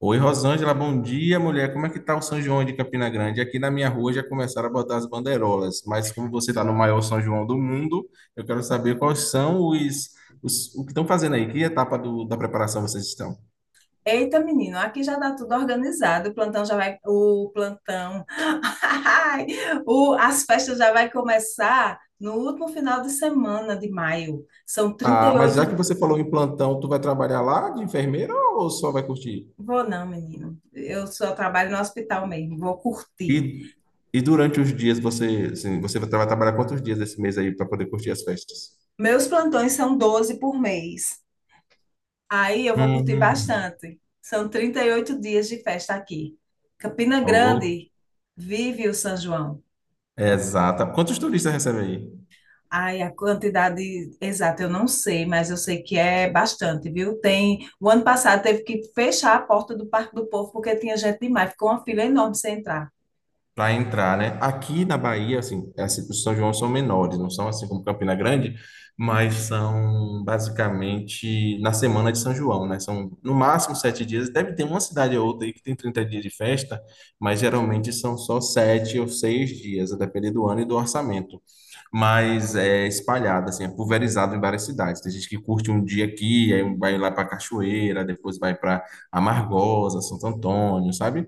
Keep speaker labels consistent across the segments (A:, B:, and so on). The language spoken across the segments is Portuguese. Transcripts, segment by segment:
A: Oi, Rosângela, bom dia, mulher. Como é que tá o São João de Campina Grande? Aqui na minha rua já começaram a botar as bandeirolas, mas como você está no maior São João do mundo, eu quero saber quais são os o que estão fazendo aí, que etapa da preparação vocês estão?
B: Eita, menino, aqui já está tudo organizado. O plantão já vai. O plantão. As festas já vai começar no último final de semana de maio. São trinta
A: Ah,
B: e
A: mas já que
B: oito.
A: você falou em plantão, tu vai trabalhar lá de enfermeira ou só vai curtir?
B: Vou não, menino. Eu só trabalho no hospital mesmo. Vou curtir.
A: E, e durante os dias você, assim, você vai trabalhar quantos dias esse mês aí para poder curtir as festas?
B: Meus plantões são 12 por mês. Aí eu vou curtir
A: Hum,
B: bastante. São 38 dias de festa aqui. Campina
A: oh,
B: Grande vive o São João.
A: exata. Quantos turistas recebe aí?
B: Ai, a quantidade exata eu não sei, mas eu sei que é bastante, viu? Tem, o ano passado teve que fechar a porta do Parque do Povo porque tinha gente demais, ficou uma fila enorme sem entrar.
A: Para entrar, né? Aqui na Bahia, assim, os São João são menores, não são assim como Campina Grande, mas são basicamente na semana de São João, né? São no máximo 7 dias. Deve ter uma cidade ou outra aí que tem 30 dias de festa, mas geralmente são só sete ou seis dias, a depender do ano e do orçamento. Mas é espalhado, assim, é pulverizado em várias cidades. Tem gente que curte um dia aqui, aí vai lá para Cachoeira, depois vai para Amargosa, Santo Antônio, sabe?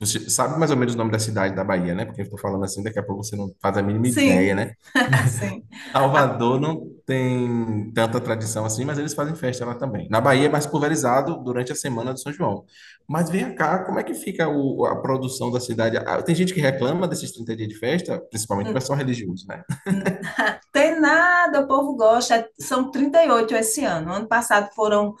A: Você sabe mais ou menos o nome da cidade da Bahia, né? Porque eu estou falando assim, daqui a pouco você não faz a mínima ideia,
B: Sim,
A: né?
B: sim. A-
A: Salvador não tem tanta tradição assim, mas eles fazem festa lá também. Na Bahia é mais pulverizado durante a semana do São João. Mas vem cá, como é que fica a produção da cidade? Ah, tem gente que reclama desses 30 dias de festa, principalmente o
B: n-
A: pessoal religioso, né?
B: n- Tem nada, o povo gosta. São 38 esse ano. Ano passado foram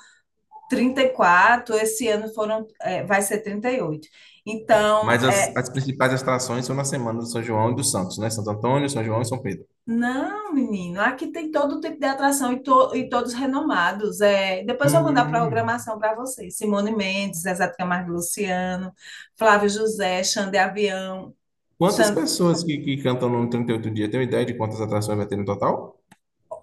B: 34, esse ano foram, vai ser 38. Então,
A: Mas as,
B: é,
A: as principais atrações são na semana do São João e do Santos, né? Santo Antônio, São João e São Pedro.
B: Não, menino, aqui tem todo tipo de atração e todos renomados. Depois eu vou mandar a
A: Hum.
B: programação para vocês. Simone Mendes, Zezé de Camargo e Luciano, Flávio José, Xande Avião.
A: Quantas
B: Xan-
A: pessoas que cantam no 38 dia? Tem uma ideia de quantas atrações vai ter no total?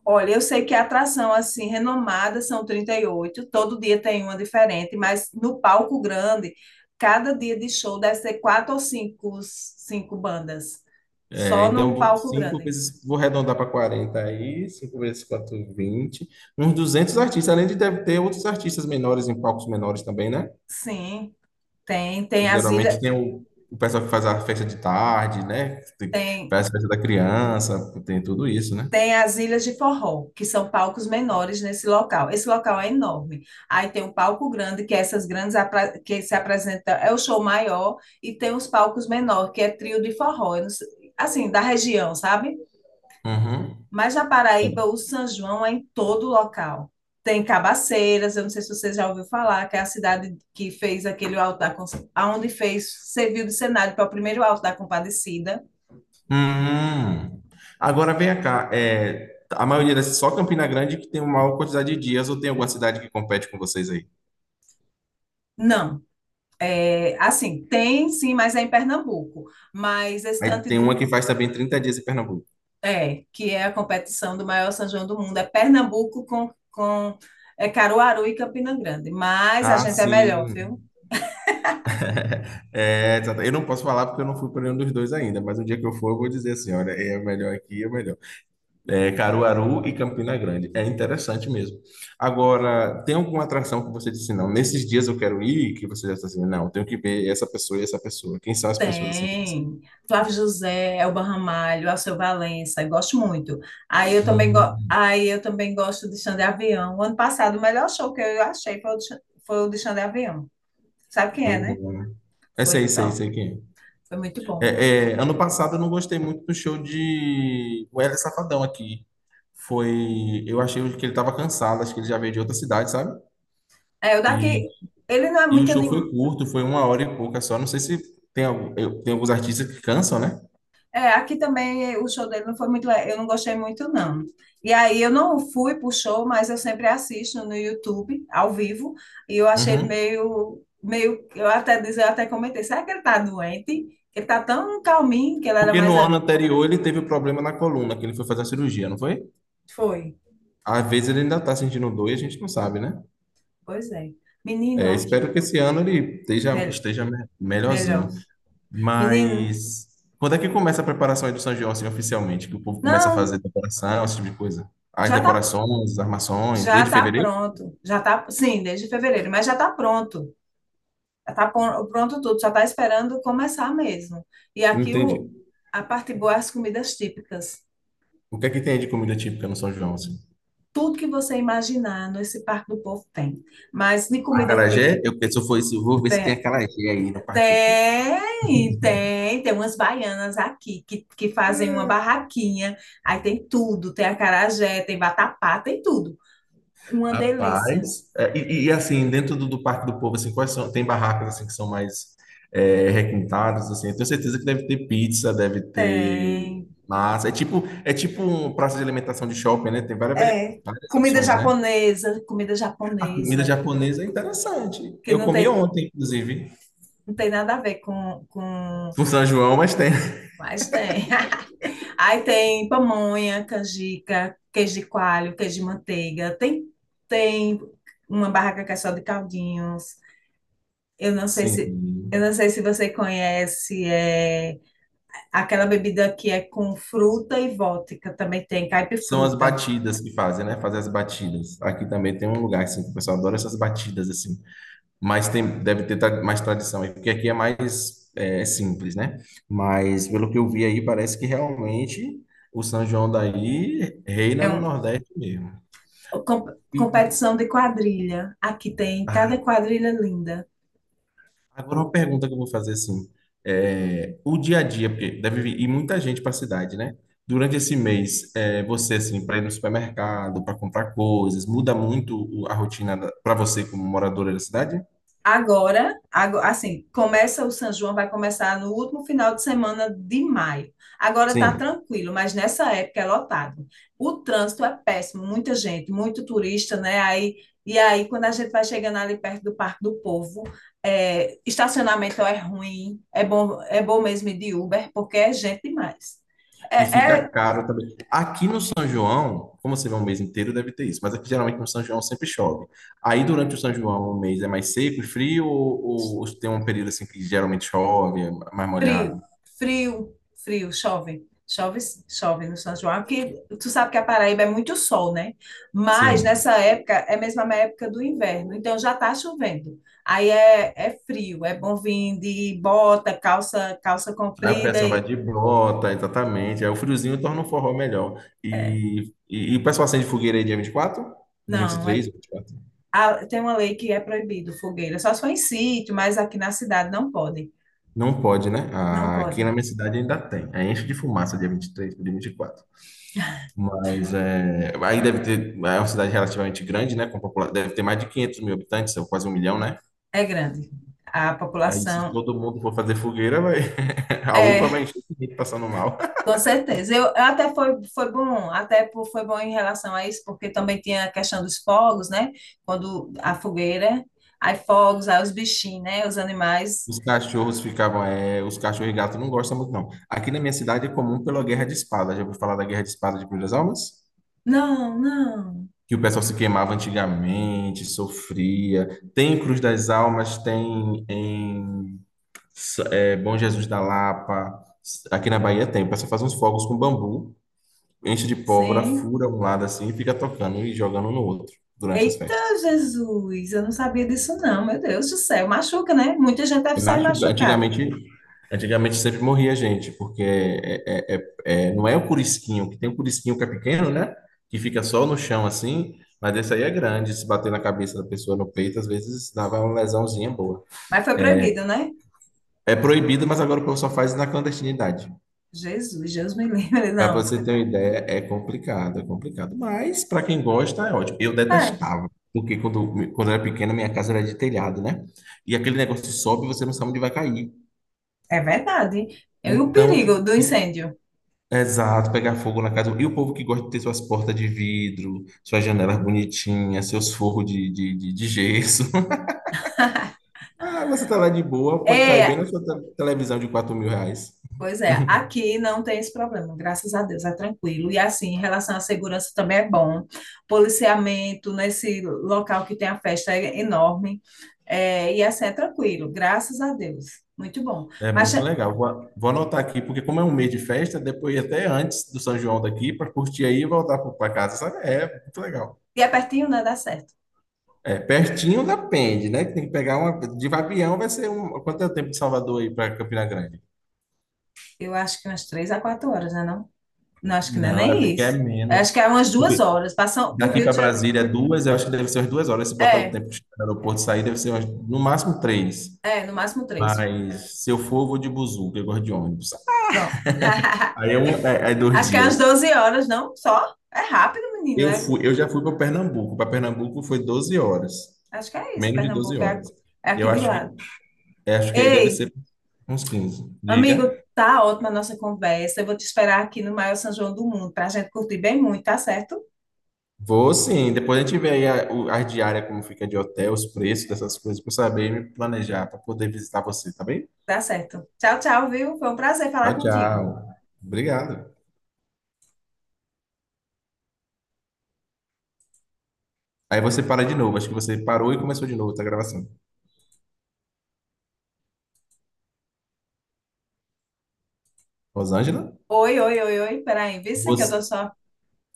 B: Olha, eu sei que a atração assim renomada são 38. Todo dia tem uma diferente, mas no palco grande, cada dia de show deve ser quatro ou cinco, cinco bandas.
A: É,
B: Só no
A: então,
B: palco
A: cinco
B: grande.
A: vezes, vou arredondar para 40 aí, cinco vezes quatro, vinte, uns 200 artistas, além de deve ter outros artistas menores em palcos menores também, né?
B: Sim, tem,
A: Que
B: tem as
A: geralmente
B: ilhas,
A: tem o pessoal que faz a festa de tarde, né?
B: tem
A: Faz a festa da criança, tem tudo isso, né?
B: Tem as ilhas de forró, que são palcos menores nesse local. Esse local é enorme. Aí tem o palco grande, que é essas grandes que se apresenta, é o show maior, e tem os palcos menores, que é trio de forró. Eu não sei- Assim, da região, sabe?
A: Uhum.
B: Mas na Paraíba, o São João é em todo local. Tem Cabaceiras, eu não sei se você já ouviu falar, que é a cidade que fez aquele altar, aonde fez, serviu de cenário para o primeiro alto da Compadecida.
A: Hum. Agora vem cá, é, a maioria dessas, só Campina Grande que tem uma maior quantidade de dias, ou tem alguma cidade que compete com vocês aí?
B: Não. É, assim, tem sim, mas é em Pernambuco. Mas esse
A: Aí
B: tanto
A: tem
B: do,
A: uma que faz também 30 dias em Pernambuco.
B: é, Que é a competição do maior São João do mundo, é Pernambuco com é Caruaru e Campina Grande. Mas a
A: Ah,
B: gente é melhor, viu?
A: sim. É, exato. Eu não posso falar porque eu não fui para nenhum dos dois ainda, mas um dia que eu for, eu vou dizer assim: olha, é melhor aqui, é melhor. É, Caruaru e Campina Grande. É interessante mesmo. Agora, tem alguma atração que você disse: não, nesses dias eu quero ir, que você já está assim: não, tenho que ver essa pessoa e essa pessoa. Quem são as pessoas assim que você.
B: Tem. Flávio José, Elba Ramalho, Alceu Valença, eu gosto muito.
A: Hum,
B: Aí eu também gosto de Xande Avião. O ano passado, o melhor show que eu achei foi foi o de Xande Avião. Sabe quem
A: foi
B: é, né?
A: bom, né? É,
B: Foi
A: sei, sei,
B: top.
A: sei quem
B: Foi muito
A: é.
B: bom.
A: É, é, ano passado eu não gostei muito do show de o Wesley Safadão aqui. Foi. Eu achei que ele estava cansado, acho que ele já veio de outra cidade, sabe?
B: É, o
A: E
B: daqui, Ele não é
A: e o
B: muito.
A: show foi curto, foi 1 hora e pouca só. Não sei se tem, tem alguns artistas que cansam, né?
B: É, aqui também o show dele não foi muito, eu não gostei muito, não. E aí eu não fui pro show, mas eu sempre assisto no YouTube, ao vivo, e eu achei ele
A: Uhum.
B: eu até comentei, será que ele tá doente? Ele tá tão calminho, que ele era
A: Porque no ano anterior ele teve problema na coluna, que ele foi fazer a cirurgia, não foi?
B: foi,
A: Às vezes ele ainda tá sentindo dor e a gente não sabe, né?
B: pois é. Menino
A: É,
B: aqui,
A: espero que esse ano ele esteja,
B: mel- Melhor.
A: melhorzinho.
B: Menino,
A: Mas quando é que começa a preparação aí do São João, assim, oficialmente? Que o povo começa a
B: não,
A: fazer decoração, esse tipo de coisa? As
B: já tá,
A: decorações, as armações,
B: já
A: desde
B: tá
A: fevereiro?
B: pronto, sim, desde fevereiro, mas já tá pronto. Está pronto tudo, só está esperando começar mesmo. E
A: Não
B: aqui
A: entendi.
B: o, a parte boa é as comidas típicas.
A: O que é que tem aí de comida típica no São João, assim?
B: Tudo que você imaginar nesse Parque do Povo tem. Mas de comida típica
A: Acarajé, eu penso, foi isso, vou ver se tem
B: tem,
A: acarajé aí no Parque do povo.
B: tem umas baianas aqui que fazem uma barraquinha. Aí tem tudo, tem acarajé, tem vatapá, tem tudo. Uma delícia.
A: Rapaz, é, assim, dentro do Parque do Povo, assim, quais são, tem barracas assim que são mais é, requintadas, assim, eu tenho certeza que deve ter pizza, deve ter
B: Tem.
A: massa, é tipo um praça de alimentação de shopping, né? Tem várias,
B: É.
A: várias opções, né?
B: Comida
A: A comida
B: japonesa,
A: japonesa é interessante.
B: que
A: Eu
B: não
A: comi
B: tem,
A: ontem, inclusive,
B: não tem nada a ver com.
A: no São João, mas tem.
B: Mas tem. Aí tem pamonha, canjica, queijo de coalho, queijo de manteiga. Tem, tem uma barraca que é só de caldinhos. Eu não sei se, eu
A: Sim.
B: não sei se você conhece, é aquela bebida que é com fruta e vodka, também tem
A: São as
B: caipifruta.
A: batidas que fazem, né? Fazer as batidas. Aqui também tem um lugar assim, que o pessoal adora essas batidas assim. Mas tem, deve ter mais tradição aí, porque aqui é mais é, simples, né? Mas pelo que eu vi aí, parece que realmente o São João daí reina
B: É
A: no
B: um,
A: Nordeste mesmo. E,
B: Competição de quadrilha. Aqui tem
A: ah,
B: cada quadrilha linda.
A: agora uma pergunta que eu vou fazer assim, é, o dia a dia, porque deve vir ir muita gente para a cidade, né? Durante esse mês, é, você assim, para ir no supermercado, para comprar coisas, muda muito a rotina para você como moradora da cidade?
B: Assim, começa o São João, vai começar no último final de semana de maio. Agora está
A: Sim.
B: tranquilo, mas nessa época é lotado. O trânsito é péssimo, muita gente, muito turista, né? Quando a gente vai chegando ali perto do Parque do Povo, é, é bom mesmo ir de Uber, porque é gente demais.
A: E
B: É,
A: fica
B: é
A: caro também. Aqui no São João, como você vê um mês inteiro, deve ter isso, mas aqui geralmente no São João sempre chove. Aí durante o São João, o mês é mais seco e frio ou tem um período assim que geralmente chove, é mais
B: Frio,
A: molhado?
B: frio, chove. Chove no São João, porque tu sabe que a Paraíba é muito sol, né? Mas
A: Sim.
B: nessa época é mesmo a mesma época do inverno, então já tá chovendo. Aí é, é frio, é bom vir de bota, calça, calça
A: Aí o
B: comprida
A: pessoal vai
B: e
A: de bota, exatamente. Aí o friozinho torna o forró melhor.
B: é.
A: E o pessoal acende fogueira aí dia 24?
B: Não,
A: 23,
B: é,
A: 24?
B: a- Tem uma lei que é proibido fogueira, só se for em sítio, mas aqui na cidade não pode.
A: Não pode, né?
B: Não
A: Ah, aqui na
B: pode.
A: minha cidade ainda tem. Aí enche de fumaça dia 23 dia 24. Mas é, aí deve ter. É uma cidade relativamente grande, né? Com deve ter mais de 500 mil habitantes, ou quase um milhão, né?
B: É grande. A
A: Aí se
B: população
A: todo mundo for fazer fogueira, vai, a UPA
B: é
A: vai encher de gente passando mal.
B: Com certeza. Foi bom, foi bom em relação a isso, porque também tinha a questão dos fogos, né? Quando a fogueira, aí fogos, aí os bichinhos, né? Os animais.
A: Os cachorros ficavam, é, os cachorros e gatos não gostam muito, não. Aqui na minha cidade é comum pela Guerra de Espada. Já ouviu falar da Guerra de Espada de Cruz das Almas?
B: Não, não.
A: Que o pessoal se queimava antigamente, sofria. Tem em Cruz das Almas, tem em Bom Jesus da Lapa. Aqui na Bahia tem. O pessoal faz uns fogos com bambu, enche de pólvora,
B: Sim.
A: fura um lado assim e fica tocando e jogando no outro durante as
B: Eita,
A: festas.
B: Jesus, eu não sabia disso não, meu Deus do céu. Machuca, né? Muita gente deve
A: Eu
B: sair
A: acho que
B: machucar.
A: antigamente, Antigamente sempre morria gente, porque não é o curisquinho, que tem o curisquinho que é pequeno, né? Que fica só no chão assim, mas esse aí é grande, se bater na cabeça da pessoa no peito, às vezes dava uma lesãozinha boa.
B: Mas foi proibido, né?
A: É proibido, mas agora o pessoal faz na clandestinidade.
B: Jesus, Deus me livre,
A: Para
B: não.
A: você ter uma ideia, é complicado, é complicado. Mas para quem gosta, é ótimo. Eu
B: É,
A: detestava, porque quando eu era pequeno, minha casa era de telhado, né? E aquele negócio sobe e você não sabe onde vai cair.
B: é verdade. E o
A: Então, eu
B: perigo do
A: fico.
B: incêndio?
A: Exato, pegar fogo na casa. E o povo que gosta de ter suas portas de vidro, suas janelas bonitinhas, seus forros de gesso. Ah, você tá lá de boa, pode cair bem
B: É.
A: na sua televisão de R$ 4.000.
B: Pois é, aqui não tem esse problema, graças a Deus, é tranquilo. E assim, em relação à segurança também é bom. Policiamento nesse local que tem a festa é enorme. É, e assim, é tranquilo, graças a Deus. Muito bom.
A: É
B: Mas
A: muito
B: e
A: legal. Vou, vou anotar aqui, porque como é um mês de festa, depois até antes do São João daqui, para curtir aí e voltar para casa, sabe? É muito legal.
B: é pertinho, né? Dá certo.
A: É, pertinho depende, né? Que tem que pegar uma. De Vabião vai ser um. Quanto é o tempo de Salvador aí para Campina Grande?
B: Eu acho que umas 3 a 4 horas, né? Não, não acho que não é
A: Não, eu
B: nem
A: acho que é
B: isso. Acho que
A: menos.
B: é umas 2 horas. Passam por
A: Daqui
B: Rio
A: para
B: de Janeiro.
A: Brasília é duas, eu acho que deve ser umas duas horas. Se botar o
B: É,
A: tempo que está no aeroporto e sair, deve ser umas- no máximo três.
B: é, no máximo três.
A: Mas se eu for, eu vou de buzu, que eu gosto de ônibus.
B: Pronto.
A: Aí é, é dois
B: Acho que é umas
A: dias.
B: 12 horas, não? Só? É rápido, menino. É.
A: Eu já fui para Pernambuco. Para Pernambuco foi 12 horas,
B: Acho que é isso,
A: menos de 12
B: Pernambuco é,
A: horas.
B: é
A: E
B: aqui de lado.
A: Acho que aí deve
B: Ei,
A: ser uns quinze.
B: amigo,
A: Diga.
B: tá ótima a nossa conversa. Eu vou te esperar aqui no maior São João do mundo para a gente curtir bem muito, tá certo?
A: Vou sim. Depois a gente vê aí a diária, como fica de hotel, os preços dessas coisas, para saber me planejar, para poder visitar você, tá bem?
B: Tá certo. Tchau, tchau, viu? Foi um prazer
A: Tchau,
B: falar
A: tchau.
B: contigo.
A: Obrigado. Aí você para de novo. Acho que você parou e começou de novo, tá gravação. Rosângela?
B: Oi, oi, oi, oi. Peraí, vê se que eu tô
A: Você,
B: só